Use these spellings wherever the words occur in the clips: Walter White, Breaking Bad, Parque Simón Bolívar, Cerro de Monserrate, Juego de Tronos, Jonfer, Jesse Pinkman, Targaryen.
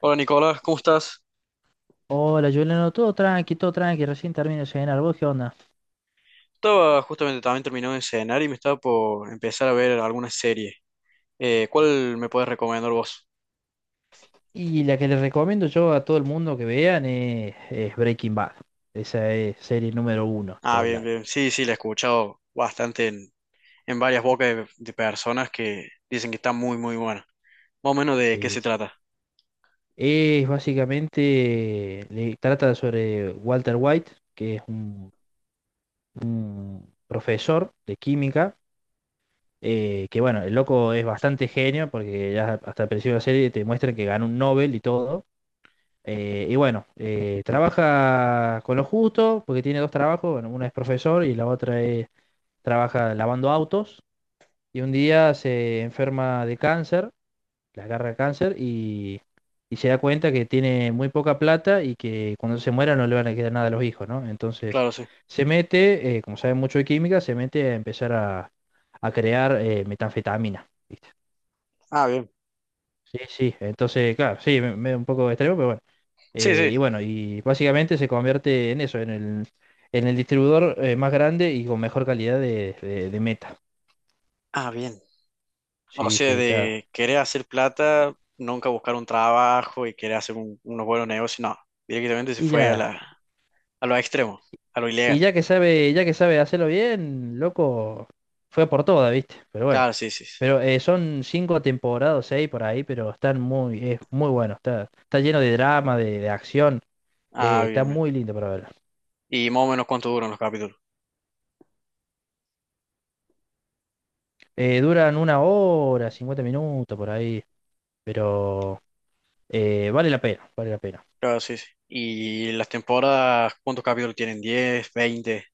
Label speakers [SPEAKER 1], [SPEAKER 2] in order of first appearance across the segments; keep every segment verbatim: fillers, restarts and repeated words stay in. [SPEAKER 1] Hola Nicolás, ¿cómo estás?
[SPEAKER 2] Hola, Juliano, todo tranqui, todo tranqui, recién termino de cenar, ¿vos qué onda?
[SPEAKER 1] Estaba justamente también terminando de cenar y me estaba por empezar a ver alguna serie. Eh, ¿cuál me puedes recomendar vos?
[SPEAKER 2] Y la que les recomiendo yo a todo el mundo que vean es, es Breaking Bad. Esa es serie número uno, en
[SPEAKER 1] Ah,
[SPEAKER 2] todos
[SPEAKER 1] bien,
[SPEAKER 2] lados.
[SPEAKER 1] bien. Sí, sí, la he escuchado bastante en, en varias bocas de, de personas que dicen que está muy, muy buena. Más o menos de qué
[SPEAKER 2] Sí,
[SPEAKER 1] se
[SPEAKER 2] sí.
[SPEAKER 1] trata.
[SPEAKER 2] Es básicamente, le trata sobre Walter White, que es un, un profesor de química, eh, que bueno, el loco es bastante genio, porque ya hasta el principio de la serie te muestran que ganó un Nobel y todo. Eh, y bueno, eh, trabaja con lo justo, porque tiene dos trabajos, bueno, uno es profesor y la otra es, trabaja lavando autos. Y un día se enferma de cáncer, le agarra cáncer y, y se da cuenta que tiene muy poca plata y que cuando se muera no le van a quedar nada a los hijos, ¿no? Entonces
[SPEAKER 1] Claro, sí.
[SPEAKER 2] se mete, eh, como sabe mucho de química, se mete a empezar a, a crear eh, metanfetamina. ¿Viste?
[SPEAKER 1] Ah, bien.
[SPEAKER 2] Sí, sí, entonces, claro, sí, me, me- un poco extremo, pero bueno.
[SPEAKER 1] Sí,
[SPEAKER 2] Eh,
[SPEAKER 1] sí.
[SPEAKER 2] y bueno, y básicamente se convierte en eso, en el, en el distribuidor eh, más grande y con mejor calidad de, de- de meta.
[SPEAKER 1] Ah, bien. O
[SPEAKER 2] Sí,
[SPEAKER 1] sea,
[SPEAKER 2] sí, está.
[SPEAKER 1] de querer hacer plata, nunca buscar un trabajo y querer hacer un- unos buenos negocios, no. Directamente se
[SPEAKER 2] Y
[SPEAKER 1] fue a
[SPEAKER 2] ya,
[SPEAKER 1] la, a lo extremo, a lo
[SPEAKER 2] y
[SPEAKER 1] ilegal.
[SPEAKER 2] ya que sabe, ya que sabe hacerlo bien, loco, fue por toda, ¿viste? Pero bueno,
[SPEAKER 1] Claro, sí, sí. sí.
[SPEAKER 2] pero eh, son cinco temporadas, seis por ahí, pero están muy, es muy bueno, está, está lleno de drama, de, de acción,
[SPEAKER 1] Ah,
[SPEAKER 2] eh, está
[SPEAKER 1] bien, bien.
[SPEAKER 2] muy lindo para verlo.
[SPEAKER 1] ¿Y más o menos cuánto duran los capítulos?
[SPEAKER 2] Eh, duran una hora, cincuenta minutos por ahí. Pero Eh, vale la pena, vale la pena.
[SPEAKER 1] Claro, sí, sí. Y las temporadas, ¿cuántos capítulos tienen? Diez, veinte.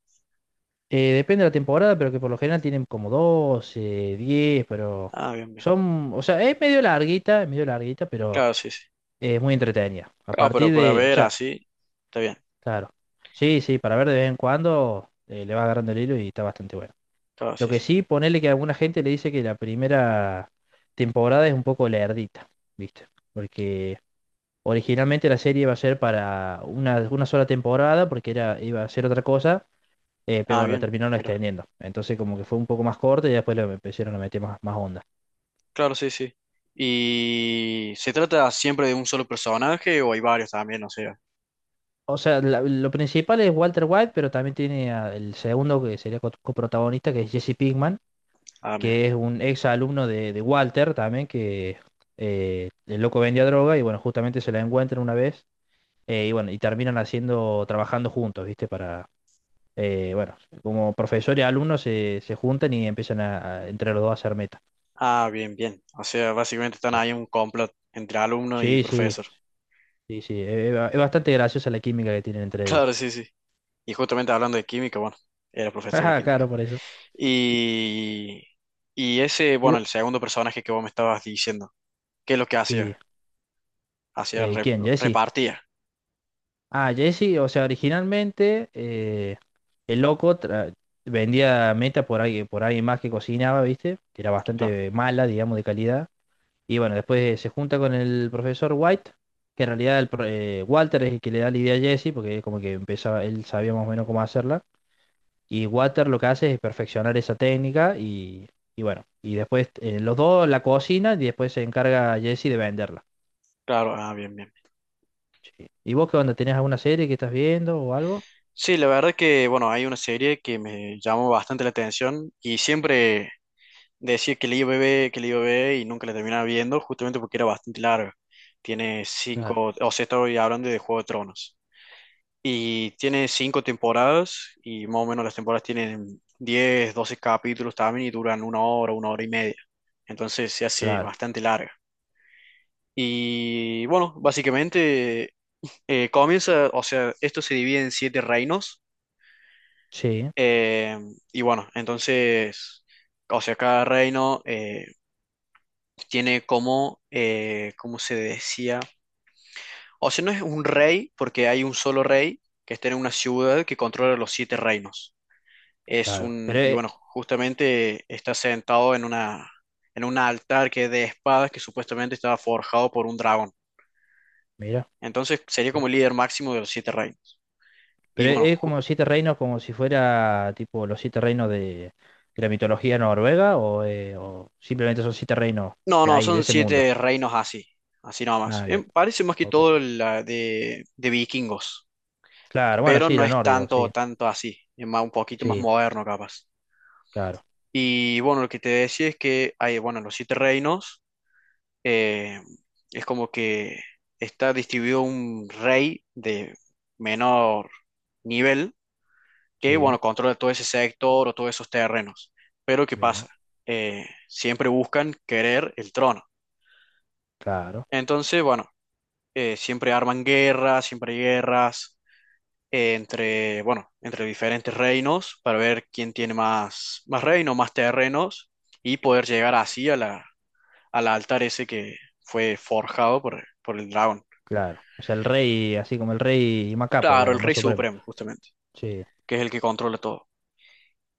[SPEAKER 2] Eh, depende de la temporada, pero que por lo general tienen como doce, diez, pero
[SPEAKER 1] Ah, bien, bien.
[SPEAKER 2] son, o sea, es medio larguita, es medio larguita, pero
[SPEAKER 1] Claro, sí, sí.
[SPEAKER 2] es muy entretenida. A
[SPEAKER 1] Claro, pero
[SPEAKER 2] partir
[SPEAKER 1] para
[SPEAKER 2] de, o
[SPEAKER 1] ver
[SPEAKER 2] sea,
[SPEAKER 1] así, está bien.
[SPEAKER 2] claro. Sí, sí, para ver de vez en cuando eh, le va agarrando el hilo y está bastante bueno.
[SPEAKER 1] Claro,
[SPEAKER 2] Lo
[SPEAKER 1] sí,
[SPEAKER 2] que
[SPEAKER 1] sí.
[SPEAKER 2] sí, ponerle que alguna gente le dice que la primera temporada es un poco lerdita, ¿viste? Porque originalmente la serie iba a ser para una, una sola temporada, porque era, iba a ser otra cosa. Eh, pero
[SPEAKER 1] Ah,
[SPEAKER 2] bueno, lo
[SPEAKER 1] bien,
[SPEAKER 2] terminaron
[SPEAKER 1] mira.
[SPEAKER 2] extendiendo. Entonces como que fue un poco más corto y después lo empezaron a meter más, más onda.
[SPEAKER 1] Claro, sí, sí. ¿Y se trata siempre de un solo personaje o hay varios también? O sea,
[SPEAKER 2] O sea, la- lo principal es Walter White, pero también tiene a- el segundo que sería co- coprotagonista, que es Jesse Pinkman,
[SPEAKER 1] ah, mira.
[SPEAKER 2] que es un ex alumno de, de Walter también, que eh, el loco vendía droga y bueno, justamente se la encuentran una vez, eh, y bueno, y terminan haciendo, trabajando juntos, ¿viste? Para, eh, bueno, como profesor y alumno se, se juntan y empiezan a, a- entre los dos a hacer meta.
[SPEAKER 1] Ah, bien, bien. O sea, básicamente
[SPEAKER 2] O
[SPEAKER 1] están
[SPEAKER 2] sea,
[SPEAKER 1] ahí un complot entre alumno y
[SPEAKER 2] sí, sí.
[SPEAKER 1] profesor.
[SPEAKER 2] Sí, sí, eh, eh, ba- es bastante graciosa la química que tienen entre ellos.
[SPEAKER 1] Claro, sí, sí. Y justamente hablando de química, bueno, era profesor de
[SPEAKER 2] Ajá,
[SPEAKER 1] química.
[SPEAKER 2] claro, por eso.
[SPEAKER 1] Y, y ese,
[SPEAKER 2] ¿Y
[SPEAKER 1] bueno,
[SPEAKER 2] vos?
[SPEAKER 1] el segundo personaje que vos me estabas diciendo, ¿qué es lo que hacía?
[SPEAKER 2] Sí.
[SPEAKER 1] Hacía
[SPEAKER 2] Eh,
[SPEAKER 1] rep-
[SPEAKER 2] ¿quién? Jesse.
[SPEAKER 1] repartía.
[SPEAKER 2] Ah, Jesse, o sea, originalmente eh, el loco tra- vendía meta por alguien, por alguien más que cocinaba, ¿viste? Que era
[SPEAKER 1] Claro,
[SPEAKER 2] bastante mala, digamos, de calidad. Y bueno, después se junta con el profesor White, que en realidad el pro- eh, Walter es el que le da la idea a Jesse, porque como que empezaba, él sabía más o menos cómo hacerla. Y Water lo que hace es perfeccionar esa técnica y, y bueno, y después eh, los dos la cocinan y después se encarga Jesse de venderla.
[SPEAKER 1] claro, ah, bien, bien.
[SPEAKER 2] Sí. ¿Y vos qué onda? ¿Tenés alguna serie que estás viendo o algo?
[SPEAKER 1] Sí, la verdad que, bueno, hay una serie que me llamó bastante la atención y siempre decía que la iba a ver, que la iba a ver y nunca la terminaba viendo, justamente porque era bastante larga. Tiene
[SPEAKER 2] Claro,
[SPEAKER 1] cinco, o sea, estoy hablando de Juego de Tronos. Y tiene cinco temporadas y más o menos las temporadas tienen diez, doce capítulos también y duran una hora, una hora y media. Entonces se hace
[SPEAKER 2] claro,
[SPEAKER 1] bastante larga. Y bueno, básicamente eh, comienza, o sea, esto se divide en siete reinos.
[SPEAKER 2] sí,
[SPEAKER 1] eh, y bueno, entonces, o sea, cada reino eh, tiene como, eh, ¿cómo se decía? O sea, no es un rey porque hay un solo rey que está en una ciudad que controla los siete reinos. Es
[SPEAKER 2] claro. Pero
[SPEAKER 1] un, y
[SPEAKER 2] eh,
[SPEAKER 1] bueno, justamente está sentado en una, en un altar que es de espadas que supuestamente estaba forjado por un dragón.
[SPEAKER 2] mira,
[SPEAKER 1] Entonces sería
[SPEAKER 2] sí.
[SPEAKER 1] como el líder máximo de los siete reinos. Y
[SPEAKER 2] Pero
[SPEAKER 1] bueno,
[SPEAKER 2] e, es
[SPEAKER 1] ju-
[SPEAKER 2] como siete reinos, como si fuera tipo los siete reinos de, de la mitología noruega o, eh, o simplemente son siete reinos
[SPEAKER 1] no,
[SPEAKER 2] de
[SPEAKER 1] no,
[SPEAKER 2] ahí, de
[SPEAKER 1] son
[SPEAKER 2] ese mundo.
[SPEAKER 1] siete reinos así, así nomás.
[SPEAKER 2] Ah,
[SPEAKER 1] Eh,
[SPEAKER 2] bien,
[SPEAKER 1] parece más que
[SPEAKER 2] ok.
[SPEAKER 1] todo la de, de vikingos,
[SPEAKER 2] Claro, bueno,
[SPEAKER 1] pero
[SPEAKER 2] sí,
[SPEAKER 1] no
[SPEAKER 2] lo
[SPEAKER 1] es
[SPEAKER 2] nórdico,
[SPEAKER 1] tanto,
[SPEAKER 2] sí,
[SPEAKER 1] tanto así, es más, un poquito más
[SPEAKER 2] sí,
[SPEAKER 1] moderno capaz.
[SPEAKER 2] claro,
[SPEAKER 1] Y bueno, lo que te decía es que hay, bueno, los siete reinos eh, es como que está distribuido un rey de menor nivel que,
[SPEAKER 2] sí,
[SPEAKER 1] bueno, controla todo ese sector o todos esos terrenos. Pero ¿qué
[SPEAKER 2] bien,
[SPEAKER 1] pasa? Eh, siempre buscan querer el trono.
[SPEAKER 2] claro.
[SPEAKER 1] Entonces, bueno, eh, siempre arman guerras, siempre hay guerras eh, entre, bueno, entre diferentes reinos para ver quién tiene más, más reinos, más terrenos y poder llegar así a la, al altar ese que fue forjado por, por el dragón.
[SPEAKER 2] Claro. O sea, el rey, así como el rey Macapo,
[SPEAKER 1] Claro, el
[SPEAKER 2] digamos, más
[SPEAKER 1] Rey
[SPEAKER 2] supremo.
[SPEAKER 1] Supremo, justamente,
[SPEAKER 2] Sí,
[SPEAKER 1] que es el que controla todo.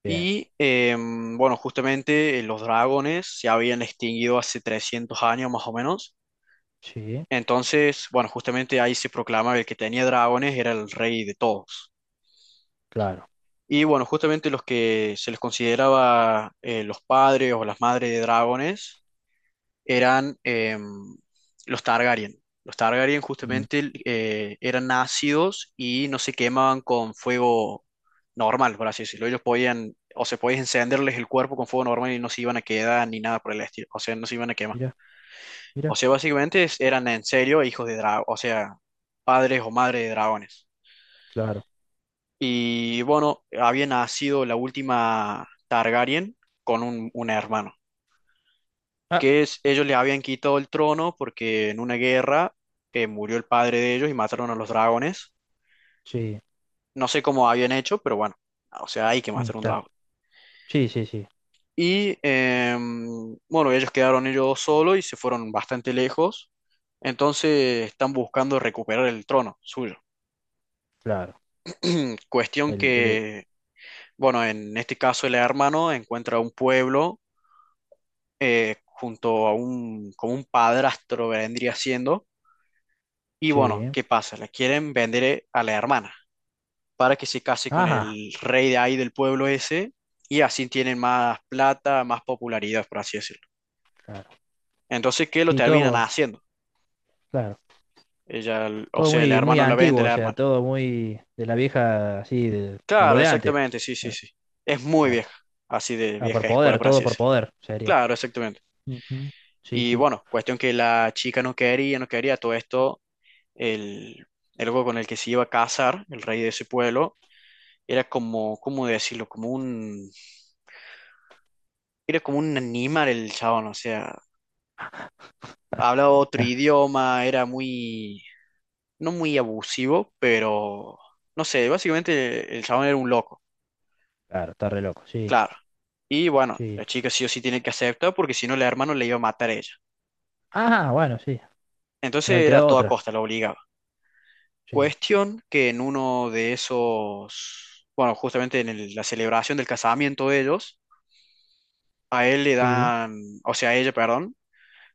[SPEAKER 2] bien.
[SPEAKER 1] Y em, bueno, justamente eh, los dragones se habían extinguido hace trescientos años más o menos.
[SPEAKER 2] Sí,
[SPEAKER 1] Entonces, bueno, justamente ahí se proclama que el que tenía dragones era el rey de todos.
[SPEAKER 2] claro.
[SPEAKER 1] Y bueno, justamente los que se les consideraba eh, los padres o las madres de dragones eran em, los Targaryen. Los Targaryen
[SPEAKER 2] Mm,
[SPEAKER 1] justamente eh, eran ácidos y no se quemaban con fuego normal, por así decirlo. Ellos podían, o se podían encenderles el cuerpo con fuego normal y no se iban a quedar ni nada por el estilo. O sea, no se iban a quemar.
[SPEAKER 2] mira,
[SPEAKER 1] O
[SPEAKER 2] mira,
[SPEAKER 1] sea, básicamente es- eran en serio hijos de dragón, o sea, padres o madres de dragones.
[SPEAKER 2] claro.
[SPEAKER 1] Y bueno, había nacido la última Targaryen con un un hermano.
[SPEAKER 2] Ah,
[SPEAKER 1] Que es- ellos le habían quitado el trono porque en una guerra eh, murió el padre de ellos y mataron a los dragones.
[SPEAKER 2] sí,
[SPEAKER 1] No sé cómo habían hecho, pero bueno, o sea, hay que
[SPEAKER 2] mm,
[SPEAKER 1] matar un
[SPEAKER 2] claro.
[SPEAKER 1] dragón.
[SPEAKER 2] Sí, sí, sí,
[SPEAKER 1] Y em, bueno, ellos quedaron ellos solos y se fueron bastante lejos. Entonces están buscando recuperar el trono suyo.
[SPEAKER 2] claro.
[SPEAKER 1] Cuestión
[SPEAKER 2] El, el-
[SPEAKER 1] que, bueno, en este caso el hermano encuentra un pueblo eh, junto a un, como un padrastro vendría siendo. Y bueno,
[SPEAKER 2] sí.
[SPEAKER 1] ¿qué pasa? La quieren vender eh, a la hermana para que se case con
[SPEAKER 2] Ajá,
[SPEAKER 1] el rey de ahí del pueblo ese y así tienen más plata, más popularidad, por así decirlo.
[SPEAKER 2] claro.
[SPEAKER 1] Entonces, ¿qué lo
[SPEAKER 2] Sí,
[SPEAKER 1] terminan
[SPEAKER 2] todo,
[SPEAKER 1] haciendo?
[SPEAKER 2] claro.
[SPEAKER 1] Ella, l- o
[SPEAKER 2] Todo
[SPEAKER 1] sea, el
[SPEAKER 2] muy, muy
[SPEAKER 1] hermano la vende
[SPEAKER 2] antiguo,
[SPEAKER 1] a
[SPEAKER 2] o
[SPEAKER 1] la
[SPEAKER 2] sea,
[SPEAKER 1] hermana.
[SPEAKER 2] todo muy de la vieja, así, de, de lo
[SPEAKER 1] Claro,
[SPEAKER 2] de antes.
[SPEAKER 1] exactamente, sí, sí,
[SPEAKER 2] Claro,
[SPEAKER 1] sí. Es muy
[SPEAKER 2] claro.
[SPEAKER 1] vieja, así de
[SPEAKER 2] Ah, por
[SPEAKER 1] vieja escuela,
[SPEAKER 2] poder,
[SPEAKER 1] por
[SPEAKER 2] todo
[SPEAKER 1] así
[SPEAKER 2] por
[SPEAKER 1] decirlo.
[SPEAKER 2] poder, sería.
[SPEAKER 1] Claro, exactamente.
[SPEAKER 2] Ujú. Sí,
[SPEAKER 1] Y
[SPEAKER 2] sí.
[SPEAKER 1] bueno, cuestión que la chica no quería, no quería todo esto, el, el loco con el que se iba a casar, el rey de ese pueblo, era como, ¿cómo decirlo? Como un Era como un animal el chabón, o sea, hablaba otro idioma, era muy, no muy abusivo, pero no sé, básicamente el chabón era un loco,
[SPEAKER 2] Claro, está re loco, sí,
[SPEAKER 1] claro. Y bueno,
[SPEAKER 2] sí.
[SPEAKER 1] la chica sí o sí tiene que aceptar porque si no, la hermano le iba a matar a ella.
[SPEAKER 2] Ah, bueno, sí. No le
[SPEAKER 1] Entonces era a
[SPEAKER 2] quedó
[SPEAKER 1] toda
[SPEAKER 2] otra.
[SPEAKER 1] costa, la obligaba.
[SPEAKER 2] Sí,
[SPEAKER 1] Cuestión que en uno de esos, bueno, justamente en el- la celebración del casamiento de ellos, a él le
[SPEAKER 2] sí.
[SPEAKER 1] dan, o sea, a ella, perdón,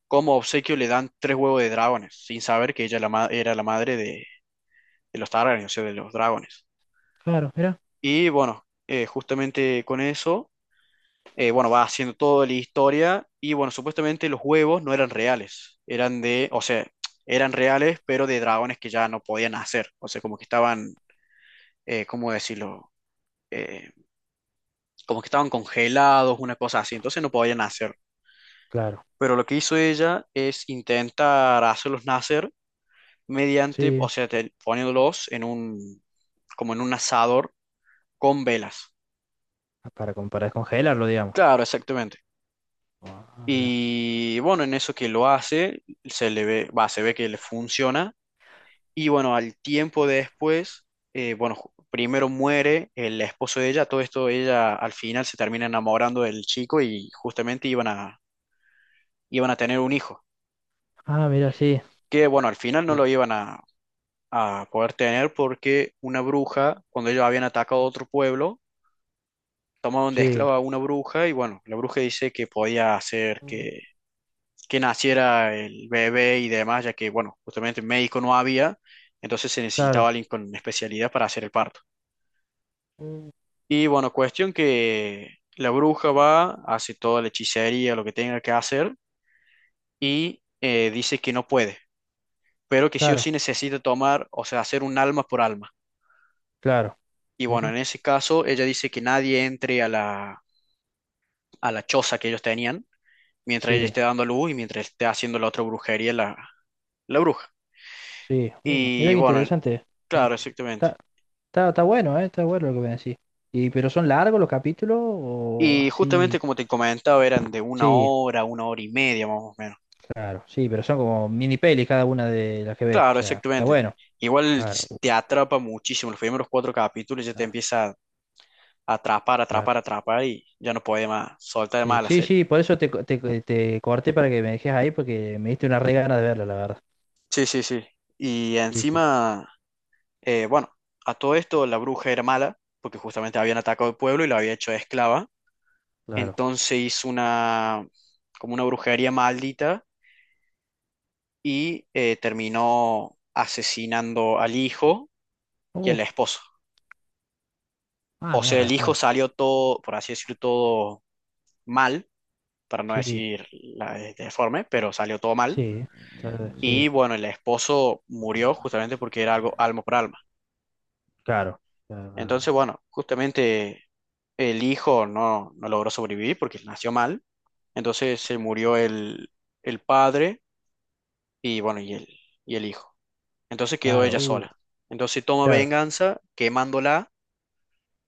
[SPEAKER 1] como obsequio le dan tres huevos de dragones, sin saber que ella la ma- era la madre de de los Targaryen, o sea, de los dragones.
[SPEAKER 2] Claro, mira.
[SPEAKER 1] Y bueno, eh, justamente con eso, eh, bueno, va haciendo toda la historia y bueno, supuestamente los huevos no eran reales, eran de, o sea, eran reales, pero de dragones que ya no podían hacer, o sea, como que estaban, eh, ¿cómo decirlo? Eh, Como que estaban congelados, una cosa así, entonces no podían nacer.
[SPEAKER 2] Claro,
[SPEAKER 1] Pero lo que hizo ella es intentar hacerlos nacer mediante,
[SPEAKER 2] sí.
[SPEAKER 1] o sea, te- poniéndolos en un, como en un asador con velas.
[SPEAKER 2] Ah, para, com- para descongelarlo, digamos.
[SPEAKER 1] Claro, exactamente.
[SPEAKER 2] Ah, mira.
[SPEAKER 1] Y bueno, en eso que lo hace, se le ve, va, se ve que le funciona. Y bueno, al tiempo después, eh, bueno, ju- primero muere el esposo de ella, todo esto ella al final se termina enamorando del chico y justamente iban a, iban a tener un hijo,
[SPEAKER 2] Ah, mira, sí.
[SPEAKER 1] que bueno, al final no
[SPEAKER 2] Sí,
[SPEAKER 1] lo iban a, a poder tener porque una bruja, cuando ellos habían atacado a otro pueblo, tomaron de
[SPEAKER 2] sí.
[SPEAKER 1] esclava a una bruja y bueno, la bruja dice que podía hacer que que naciera el bebé y demás, ya que, bueno, justamente médico no había, entonces se necesitaba
[SPEAKER 2] Claro,
[SPEAKER 1] alguien con especialidad para hacer el parto. Y bueno, cuestión que la bruja va, hace toda la hechicería, lo que tenga que hacer, y eh, dice que no puede, pero que sí o
[SPEAKER 2] claro,
[SPEAKER 1] sí necesita tomar, o sea, hacer un alma por alma.
[SPEAKER 2] claro.
[SPEAKER 1] Y bueno,
[SPEAKER 2] Mira.
[SPEAKER 1] en ese caso, ella dice que nadie entre a la, a la choza que ellos tenían, mientras ella
[SPEAKER 2] Sí,
[SPEAKER 1] esté dando luz y mientras esté haciendo la otra brujería la, la bruja.
[SPEAKER 2] sí. Uh, mira
[SPEAKER 1] Y
[SPEAKER 2] qué
[SPEAKER 1] bueno,
[SPEAKER 2] interesante. Eh,
[SPEAKER 1] claro, exactamente.
[SPEAKER 2] Está, está, está bueno, ¿eh? Está bueno lo que me decís. Y, pero son largos los capítulos o
[SPEAKER 1] Y justamente
[SPEAKER 2] así.
[SPEAKER 1] como te comentaba, eran de una
[SPEAKER 2] Sí,
[SPEAKER 1] hora, una hora y media más o menos.
[SPEAKER 2] claro, sí, pero son como mini pelis cada una de las que ves. O
[SPEAKER 1] Claro,
[SPEAKER 2] sea, está
[SPEAKER 1] exactamente.
[SPEAKER 2] bueno.
[SPEAKER 1] Igual
[SPEAKER 2] Claro,
[SPEAKER 1] s-
[SPEAKER 2] uh,
[SPEAKER 1] te atrapa muchísimo. Los primeros cuatro capítulos ya te
[SPEAKER 2] claro,
[SPEAKER 1] empieza a atrapar,
[SPEAKER 2] claro.
[SPEAKER 1] atrapar, atrapar y ya no puede más, soltar
[SPEAKER 2] Sí,
[SPEAKER 1] más la
[SPEAKER 2] sí,
[SPEAKER 1] serie.
[SPEAKER 2] sí, por eso te, co- te, co- te corté para que me dejes ahí porque me diste una re gana de verla, la verdad.
[SPEAKER 1] Sí, sí, sí. Y
[SPEAKER 2] Sí, sí,
[SPEAKER 1] encima, eh, bueno, a todo esto la bruja era mala, porque justamente habían atacado el pueblo y la había hecho esclava.
[SPEAKER 2] claro.
[SPEAKER 1] Entonces hizo una, como una brujería maldita y eh, terminó asesinando al hijo y al
[SPEAKER 2] Uh,
[SPEAKER 1] esposo.
[SPEAKER 2] ah,
[SPEAKER 1] O sea, el
[SPEAKER 2] mierda,
[SPEAKER 1] hijo
[SPEAKER 2] bueno.
[SPEAKER 1] salió todo, por así decirlo, todo mal, para no
[SPEAKER 2] Sí,
[SPEAKER 1] decir la de- deforme, pero salió todo mal.
[SPEAKER 2] sí, está- sí,
[SPEAKER 1] Y bueno, el esposo murió justamente porque era algo alma por alma.
[SPEAKER 2] claro. Claro, claro,
[SPEAKER 1] Entonces,
[SPEAKER 2] claro.
[SPEAKER 1] bueno, justamente el hijo no, no logró sobrevivir porque nació mal. Entonces se murió el, el padre y bueno, y el, y el hijo. Entonces quedó
[SPEAKER 2] Claro,
[SPEAKER 1] ella
[SPEAKER 2] uh,
[SPEAKER 1] sola. Entonces toma
[SPEAKER 2] claro,
[SPEAKER 1] venganza quemándola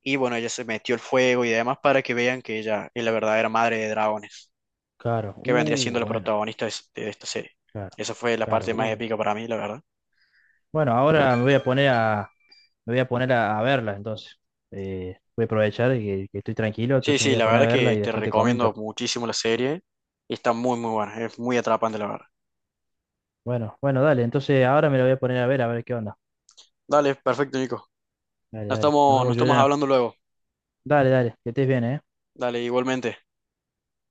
[SPEAKER 1] y bueno, ella se metió el fuego y demás para que vean que ella es la verdadera madre de dragones.
[SPEAKER 2] claro,
[SPEAKER 1] que vendría
[SPEAKER 2] uh,
[SPEAKER 1] siendo la
[SPEAKER 2] bueno,
[SPEAKER 1] protagonista de, es- de esta serie.
[SPEAKER 2] claro,
[SPEAKER 1] Esa fue la
[SPEAKER 2] claro,
[SPEAKER 1] parte más
[SPEAKER 2] uh.
[SPEAKER 1] épica para mí, la verdad.
[SPEAKER 2] Bueno, ahora me voy a poner a, me voy a poner a, a verla, entonces. Eh, voy a aprovechar que, que estoy tranquilo,
[SPEAKER 1] Sí,
[SPEAKER 2] entonces me
[SPEAKER 1] sí,
[SPEAKER 2] voy a
[SPEAKER 1] la
[SPEAKER 2] poner a
[SPEAKER 1] verdad
[SPEAKER 2] verla
[SPEAKER 1] que
[SPEAKER 2] y
[SPEAKER 1] te
[SPEAKER 2] después te
[SPEAKER 1] recomiendo
[SPEAKER 2] comento.
[SPEAKER 1] muchísimo la serie y está muy, muy buena, es muy atrapante, la verdad.
[SPEAKER 2] Bueno, bueno, dale, entonces ahora me la voy a poner a ver, a ver qué onda.
[SPEAKER 1] Dale, perfecto, Nico.
[SPEAKER 2] Dale,
[SPEAKER 1] Nos
[SPEAKER 2] dale. Nos
[SPEAKER 1] estamos, nos
[SPEAKER 2] vemos,
[SPEAKER 1] estamos
[SPEAKER 2] Juliano.
[SPEAKER 1] hablando luego.
[SPEAKER 2] Dale, dale, que estés bien, ¿eh?
[SPEAKER 1] Dale, igualmente.